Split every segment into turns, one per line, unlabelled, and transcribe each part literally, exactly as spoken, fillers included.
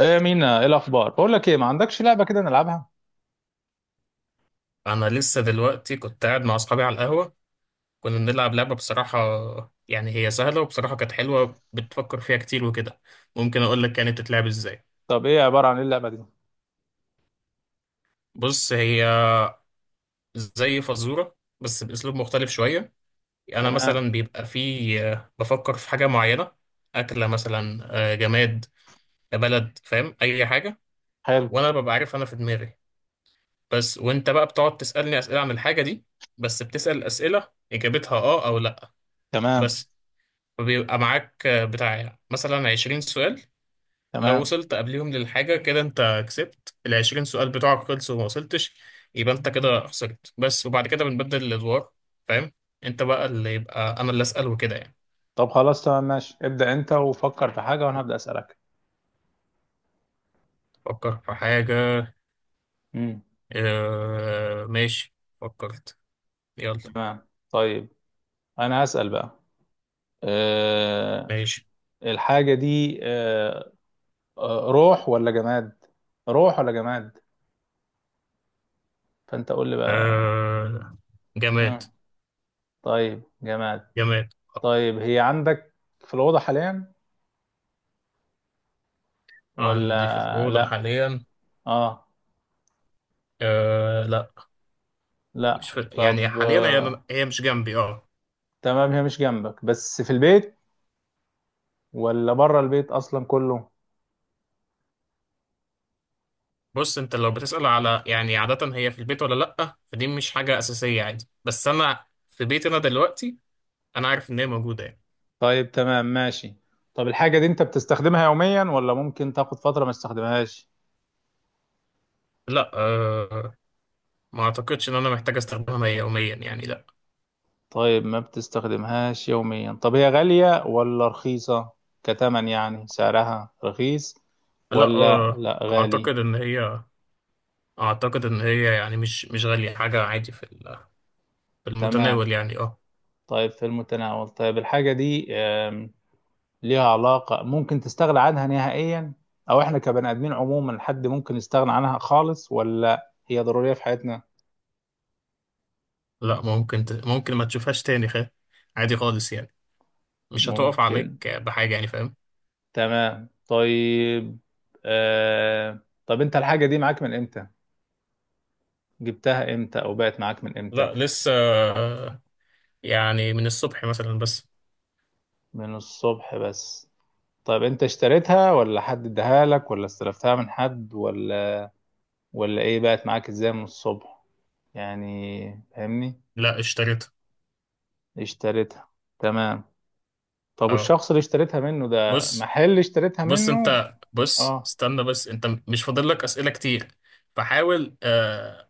ايه مينا؟ ايه الاخبار؟ بقول لك ايه، ما عندكش لعبه كده نلعبها؟
انا لسه دلوقتي كنت قاعد مع اصحابي على القهوه. كنا بنلعب لعبه، بصراحه يعني هي سهله، وبصراحه كانت حلوه. بتفكر فيها كتير وكده. ممكن اقول لك كانت بتتلعب ازاي؟
طب ايه؟ عباره عن ايه اللعبه دي؟
بص، هي زي فزوره بس باسلوب مختلف شويه. انا
تمام.
مثلا بيبقى في بفكر في حاجه معينه. اكله مثلا، آه، جماد، بلد، فاهم اي حاجه.
حلو.
وانا ببقى عارف انا في دماغي، بس وانت بقى بتقعد تسالني اسئله عن الحاجه دي. بس بتسال اسئله اجابتها اه او لا.
تمام،
بس بيبقى معاك بتاع مثلا عشرين سؤال. لو
تمام.
وصلت قبليهم للحاجة كده انت كسبت. ال عشرين سؤال بتوعك خلصوا وما وصلتش، يبقى انت كده خسرت. بس وبعد كده بنبدل الأدوار، فاهم. انت بقى اللي، يبقى انا اللي أسأل وكده يعني.
طب خلاص، تمام، ماشي. ابدا انت وفكر في حاجه وانا هبدا اسالك.
فكر في حاجة.
امم
اه ماشي، فكرت، يلا.
تمام، طيب. انا هسال بقى. أه.
ماشي.
الحاجه دي أه آه، روح ولا جماد؟ روح ولا جماد؟ فانت قول لي بقى.
اه. جماد.
أه. طيب، جماد.
جماد.
طيب، هي عندك في الاوضه حاليا
عندي في
ولا
الأوضة
لا؟
حاليا.
اه،
اه لا،
لا.
مش في يعني
طب
حاليا،
آه،
هي هي مش جنبي، اه.
تمام، هي مش جنبك بس في البيت، ولا بره البيت اصلا كله؟
بص، انت لو بتسأل على يعني عادة هي في البيت ولا لأ، فدي مش حاجة أساسية، عادي. بس أنا في بيتي أنا دلوقتي، أنا عارف إن هي موجودة يعني.
طيب، تمام، ماشي. طب الحاجة دي انت بتستخدمها يوميا، ولا ممكن تاخد فترة ما تستخدمهاش؟
لأ أه، ما أعتقدش إن أنا محتاج أستخدمها يوميا يعني، لأ.
طيب، ما بتستخدمهاش يوميا. طب هي غالية ولا رخيصة؟ كتمن يعني سعرها رخيص،
لأ
ولا
أه،
لا غالي؟
أعتقد إن هي أعتقد إن هي يعني مش مش غالية، حاجة عادي. في ال- في
تمام،
المتناول يعني، أه.
طيب، في المتناول. طيب الحاجة دي آم، ليها علاقة، ممكن تستغنى عنها نهائيا، او احنا كبني ادمين عموما حد ممكن يستغنى عنها خالص، ولا هي ضرورية في حياتنا؟
لأ ممكن ت... ممكن ما تشوفهاش تاني، خ... عادي خالص يعني. مش هتقف
ممكن.
عليك بحاجة يعني، فاهم.
تمام، طيب. آه... طب انت الحاجة دي معاك من امتى؟ جبتها امتى او بقت معاك من امتى؟
لأ لسه، آه، يعني من الصبح مثلا بس.
من الصبح بس. طب انت اشتريتها ولا حد اداها لك ولا استلفتها من حد ولا ولا ايه، بقت معاك ازاي من الصبح؟ يعني فاهمني.
لأ، اشتريتها،
اشتريتها. تمام. طب
اه.
والشخص اللي اشتريتها منه، ده
بص
محل اشتريتها
بص
منه؟
انت، بص
اه.
استنى بس، انت مش فاضل لك اسئله كتير. فحاول، آه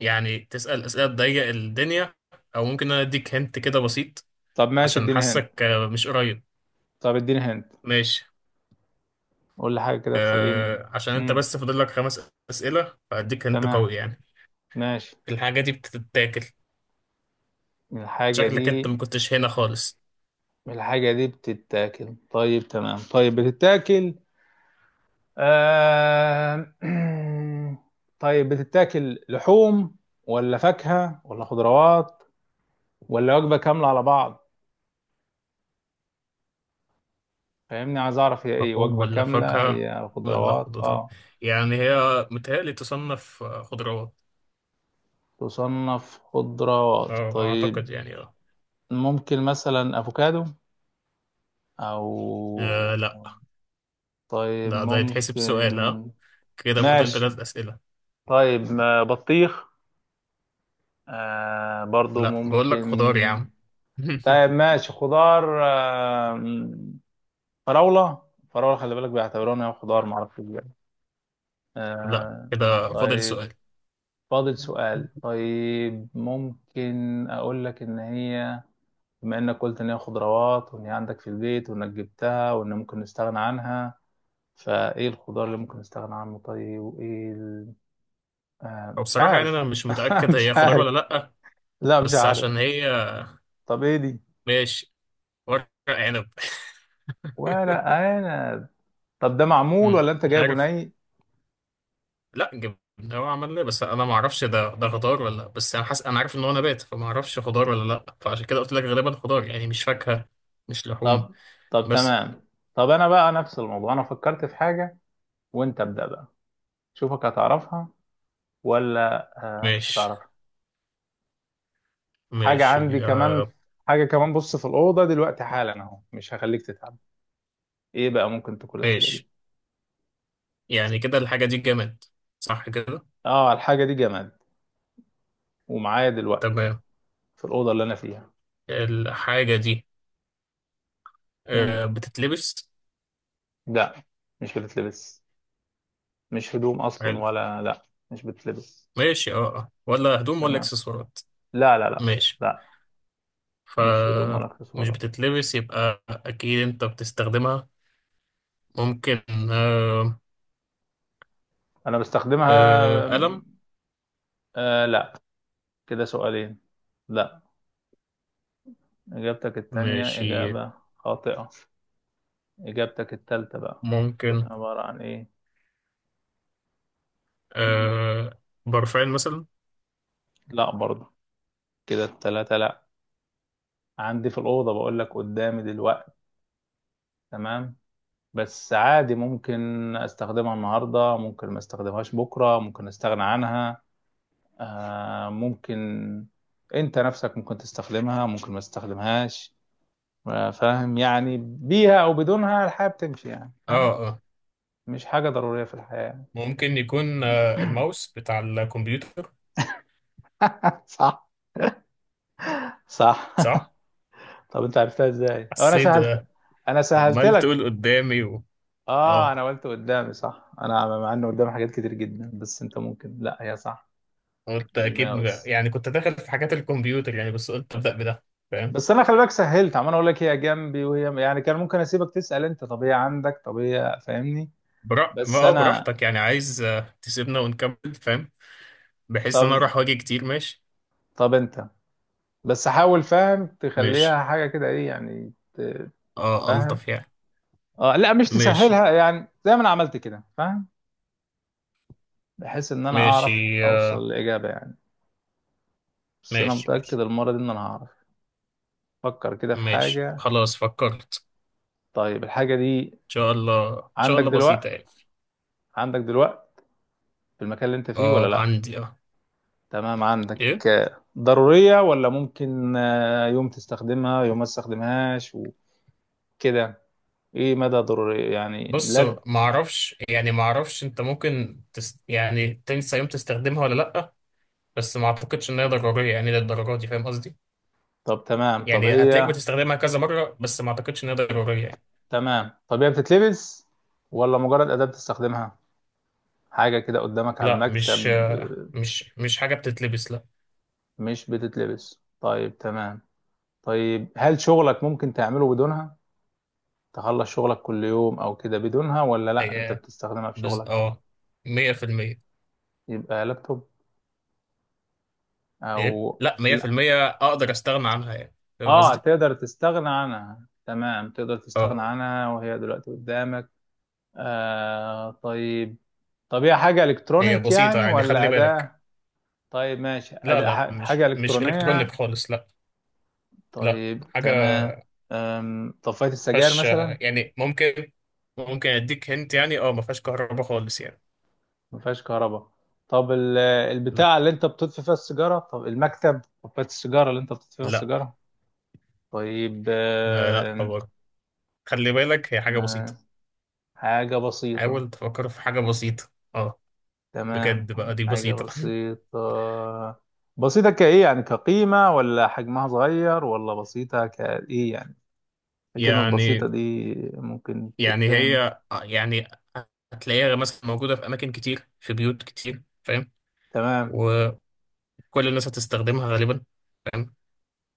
يعني تسال اسئله تضيق الدنيا. او ممكن انا اديك هنت كده بسيط،
طب ماشي،
عشان
اديني هند.
حاسك آه مش قريب.
طب اديني هند،
ماشي.
قول لي حاجة كده تخليني.
آه عشان انت
امم
بس فاضل لك خمس اسئله، فهديك هنت
تمام،
قوي يعني.
ماشي.
الحاجه دي بتتاكل.
الحاجة
شكلك انت
دي
ما كنتش هنا خالص.
الحاجة دي بتتاكل؟ طيب تمام، طيب بتتاكل. آه... طيب، بتتاكل لحوم ولا فاكهة ولا خضروات، ولا وجبة كاملة على بعض؟ فاهمني، عايز أعرف هي إيه،
لحوم
وجبة
ولا
كاملة،
فاكهه
هي
ولا
خضروات؟
خضره؟
آه.
يعني هي، متهيألي تصنف آه، خضروات.
تصنف خضروات،
اه،
طيب.
اعتقد يعني، اه
ممكن مثلا أفوكادو
آه،
أو.
لا.
طيب
لا، ده يتحسب سؤال
ممكن.
ها. كده فاضل
ماشي.
ثلاث أسئلة.
طيب ما بطيخ، آه برضو
لا بقول لك
ممكن؟
خضار يا عم.
طيب ماشي، خضار آه م- فراولة. فراولة خلي بالك بيعتبروها إنها خضار، معرفش ازاي.
لا،
آه.
كده فاضل
طيب،
سؤال.
فاضل سؤال. طيب ممكن أقول لك إن هي، بما إنك قلت إن هي خضروات وإن هي عندك في البيت وإنك جبتها وإن ممكن نستغنى عنها، فإيه الخضار اللي ممكن نستغنى عنه؟ طيب، وإيه ال... آه
أو
مش
بصراحة يعني
عارف.
أنا مش متأكد
مش
هي خضار
عارف.
ولا لأ،
لا مش
بس عشان
عارف.
هي.
طب إيه دي؟
ماشي. ورق عنب.
ولا أنا. طب ده معمول
مم،
ولا انت
مش
جايبه
عارف.
ني؟
لا، جبنة. هو عمل ليه، بس أنا ما أعرفش ده ده خضار ولا لأ. بس أنا حاسس، أنا عارف إن هو نبات، فما أعرفش خضار ولا لأ، فعشان كده قلت لك غالبا خضار، يعني مش فاكهة، مش لحوم،
طب طب
بس.
تمام. طب انا بقى نفس الموضوع، انا فكرت في حاجة وانت ابدأ بقى. شوفك هتعرفها، ولا آه مش
ماشي
هتعرفها. حاجة عندي
ماشي،
كمان،
آه
حاجة كمان، بص في الأوضة دلوقتي حالا اهو، مش هخليك تتعب. ايه بقى ممكن تكون الحاجة دي؟
ماشي. يعني كده الحاجة دي جماد، صح كده.
اه، الحاجة دي جماد، ومعايا دلوقتي
تمام.
في الأوضة اللي أنا فيها.
الحاجة دي
مم.
آه، بتتلبس.
لا، مش بتتلبس. مش هدوم أصلا
حلو
ولا لا مش بتتلبس؟
ماشي، اه اه، ولا هدوم ولا
تمام.
اكسسوارات.
لا، لا، لا،
ماشي.
لا،
ف
مش هدوم ولا
مش
اكسسوارات.
بتتلبس يبقى اكيد انت بتستخدمها. ممكن. آه،
انا بستخدمها.
آه، قلم.
آه، لا، كده سؤالين. لا، اجابتك التانية
ماشي.
اجابة خاطئة. اجابتك التالتة بقى تكون
ممكن
عبارة عن ايه؟ مم.
آه، برفان مثلا.
لا برضه، كده التلاتة لا. عندي في الأوضة بقول لك، قدامي دلوقتي. تمام. بس عادي ممكن استخدمها النهاردة، ممكن ما استخدمهاش بكرة، ممكن استغنى عنها. آه ممكن. انت نفسك ممكن تستخدمها، ممكن ما تستخدمهاش، فاهم؟ يعني بيها او بدونها الحياه بتمشي، يعني
اه
فاهم؟
اه،
مش حاجه ضروريه في الحياه يعني.
ممكن يكون آه، الماوس بتاع الكمبيوتر.
صح. صح.
صح.
طب انت عرفتها ازاي، أو انا
حسيت
سهلت؟
آه،
انا سهلت
عمال
لك.
تقول قدامي و...
اه،
اه،
انا قلت قدامي، صح. انا مع انه قدامي حاجات كتير جدا بس انت ممكن لا، هي صح،
قلت اكيد بقى.
الماوس.
يعني كنت داخل في حاجات الكمبيوتر يعني، بس قلت ابدا بده، فاهم.
بس انا خلي بالك سهلت، عمال اقول لك هي جنبي وهي، يعني كان ممكن اسيبك تسال انت طب هي عندك، طب هي، فاهمني.
برا... ما
بس
هو
انا.
براحتك، يعني عايز آه، تسيبنا ونكمل، فاهم. بحيث ان انا
طب
اروح واجي كتير، ماشي.
طب انت بس حاول فاهم
ماشي،
تخليها حاجه كده، ايه يعني، ت-
اه
فاهم.
الطف يعني.
اه، لا مش
ماشي.
تسهلها يعني، زي ما انا عملت كده، فاهم؟ بحيث ان انا
ماشي
اعرف
آه،
اوصل لاجابه يعني. بس انا
ماشي.
متاكد
ماشي.
المره دي ان انا هعرف. فكر كده في
ماشي
حاجه.
خلاص فكرت.
طيب الحاجه دي
ان شاء الله، ان شاء
عندك
الله
دلوقتي
بسيطه يعني.
عندك دلوقتي في المكان اللي انت فيه ولا
اه
لا؟
عندي، اه
تمام، عندك.
ايه.
آه، ضروريه ولا ممكن آه، يوم تستخدمها يوم ما تستخدمهاش وكده؟ ايه مدى ضروريه يعني؟
بص،
لا.
ما اعرفش يعني ما اعرفش، انت ممكن تس... يعني تنسى يوم تستخدمها ولا لا. بس ما اعتقدش ان هي ضروريه يعني للدرجه دي، فاهم قصدي.
طب تمام. طب
يعني هتلاقيك
هي
بتستخدمها كذا مرة، بس ما اعتقدش انها ضرورية يعني.
تمام. طب هي بتتلبس ولا مجرد اداه بتستخدمها حاجه كده قدامك على
لا مش
المكتب؟
آه، مش مش حاجة بتتلبس، لا.
مش بتتلبس. طيب تمام، طيب، هل شغلك ممكن تعمله بدونها، تخلص شغلك كل يوم او كده بدونها، ولا لا انت
هي
بتستخدمها في
بز...
شغلك؟
اه مية بالمية.
يبقى لابتوب
ايه
او
لا،
لا؟
مية في المية اقدر استغنى عنها يعني، فاهم
اه،
قصدي؟
تقدر تستغنى عنها، تمام، تقدر
اه.
تستغنى عنها وهي دلوقتي قدامك. آه طيب. طب هي حاجة
هي
إلكترونيك
بسيطة
يعني،
يعني،
ولا
خلي بالك.
أداة؟ طيب ماشي،
لا
أداة،
لا،
ح- حاجة
مش مش الكترونيك
إلكترونية؟
خالص، لا. لا
طيب
حاجة.
تمام. أم، طفاية
ما
السجاير
فيهاش
مثلا،
آه، يعني ممكن، ممكن اديك هنت يعني. اه ما فيهاش كهرباء خالص يعني.
ما فيهاش كهرباء؟ طب ال-
لا.
البتاع اللي انت بتطفي فيها السيجاره، طب المكتب، قبايه السيجاره اللي انت بتطفي فيها
لا
السيجاره؟ طيب
آه، لا
آه،
طبعا. خلي بالك، هي حاجة بسيطة.
آه، حاجه بسيطه.
حاول تفكر في حاجة بسيطة. اه
تمام،
بجد بقى دي
حاجه
بسيطة.
بسيطه. بسيطه كايه يعني، كقيمه ولا حجمها صغير، ولا بسيطه كايه يعني؟ كلمه بسيطه
يعني
دي ممكن
يعني
تتفهم؟
هي يعني هتلاقيها مثلا موجودة في أماكن كتير، في بيوت كتير، فاهم.
تمام،
وكل الناس هتستخدمها غالبا، فاهم.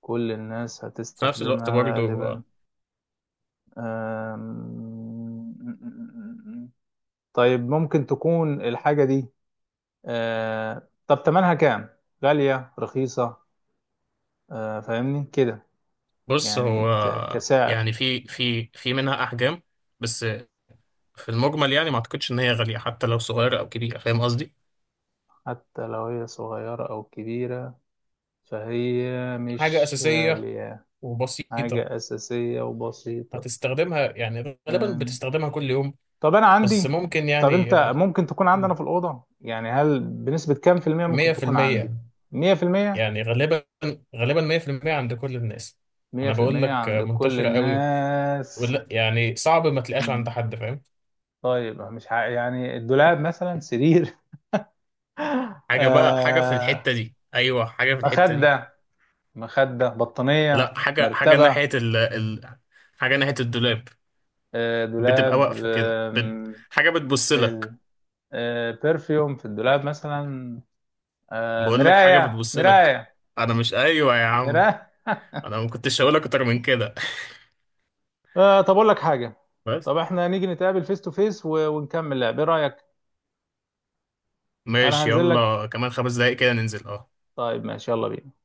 كل الناس
في نفس الوقت
هتستخدمها
برضو
غالبا.
آه،
آم، طيب ممكن تكون الحاجة دي، آه طب تمنها كام؟ غالية رخيصة؟ آه فاهمني كده،
بص
يعني
هو
ك-
آه،
كسعر.
يعني في في في منها أحجام. بس في المجمل يعني ما أعتقدش إن هي غالية حتى لو صغيرة أو كبيرة، فاهم قصدي.
حتى لو هي صغيرة أو كبيرة، فهي
حاجة
مش
أساسية
غالية.
وبسيطة.
حاجة أساسية وبسيطة.
هتستخدمها يعني غالبا،
آم،
بتستخدمها كل يوم،
طب أنا
بس
عندي.
ممكن
طب
يعني.
أنت ممكن تكون عندنا في الأوضة، يعني هل بنسبة كام في المية
مية
ممكن
في
تكون عندي؟
المية.
مية في المية؟
يعني غالبا. غالبا. مائة في المئة عند كل الناس.
مية
انا
في
بقول
المية
لك
عند كل
منتشره قوي،
الناس.
ولا يعني صعب ما تلاقيهاش عند حد، فاهم.
طيب مش ع... يعني الدولاب مثلا، سرير.
حاجة بقى، حاجة في
آه
الحتة دي. أيوة، حاجة في الحتة دي.
مخدة مخدة بطانية
لا، حاجة حاجة
مرتبة.
ناحية ال ال حاجة ناحية الدولاب.
آه
بتبقى
دولاب.
واقفة كده، بت...
آم،
حاجة بتبص لك.
ال- آه برفيوم في الدولاب مثلا. آه
بقول لك حاجة
مراية،
بتبص لك.
مراية،
أنا مش أيوة يا عم.
مراية.
أنا ما كنتش هقول لك أكتر من كده.
آه طب أقول لك حاجة.
بس.
طب احنا نيجي نتقابل فيس تو فيس ونكمل لعب، ايه رأيك؟ أنا
ماشي،
هنزل لك.
يلا كمان خمس دقايق كده ننزل، أه.
طيب ماشي، يلا بينا.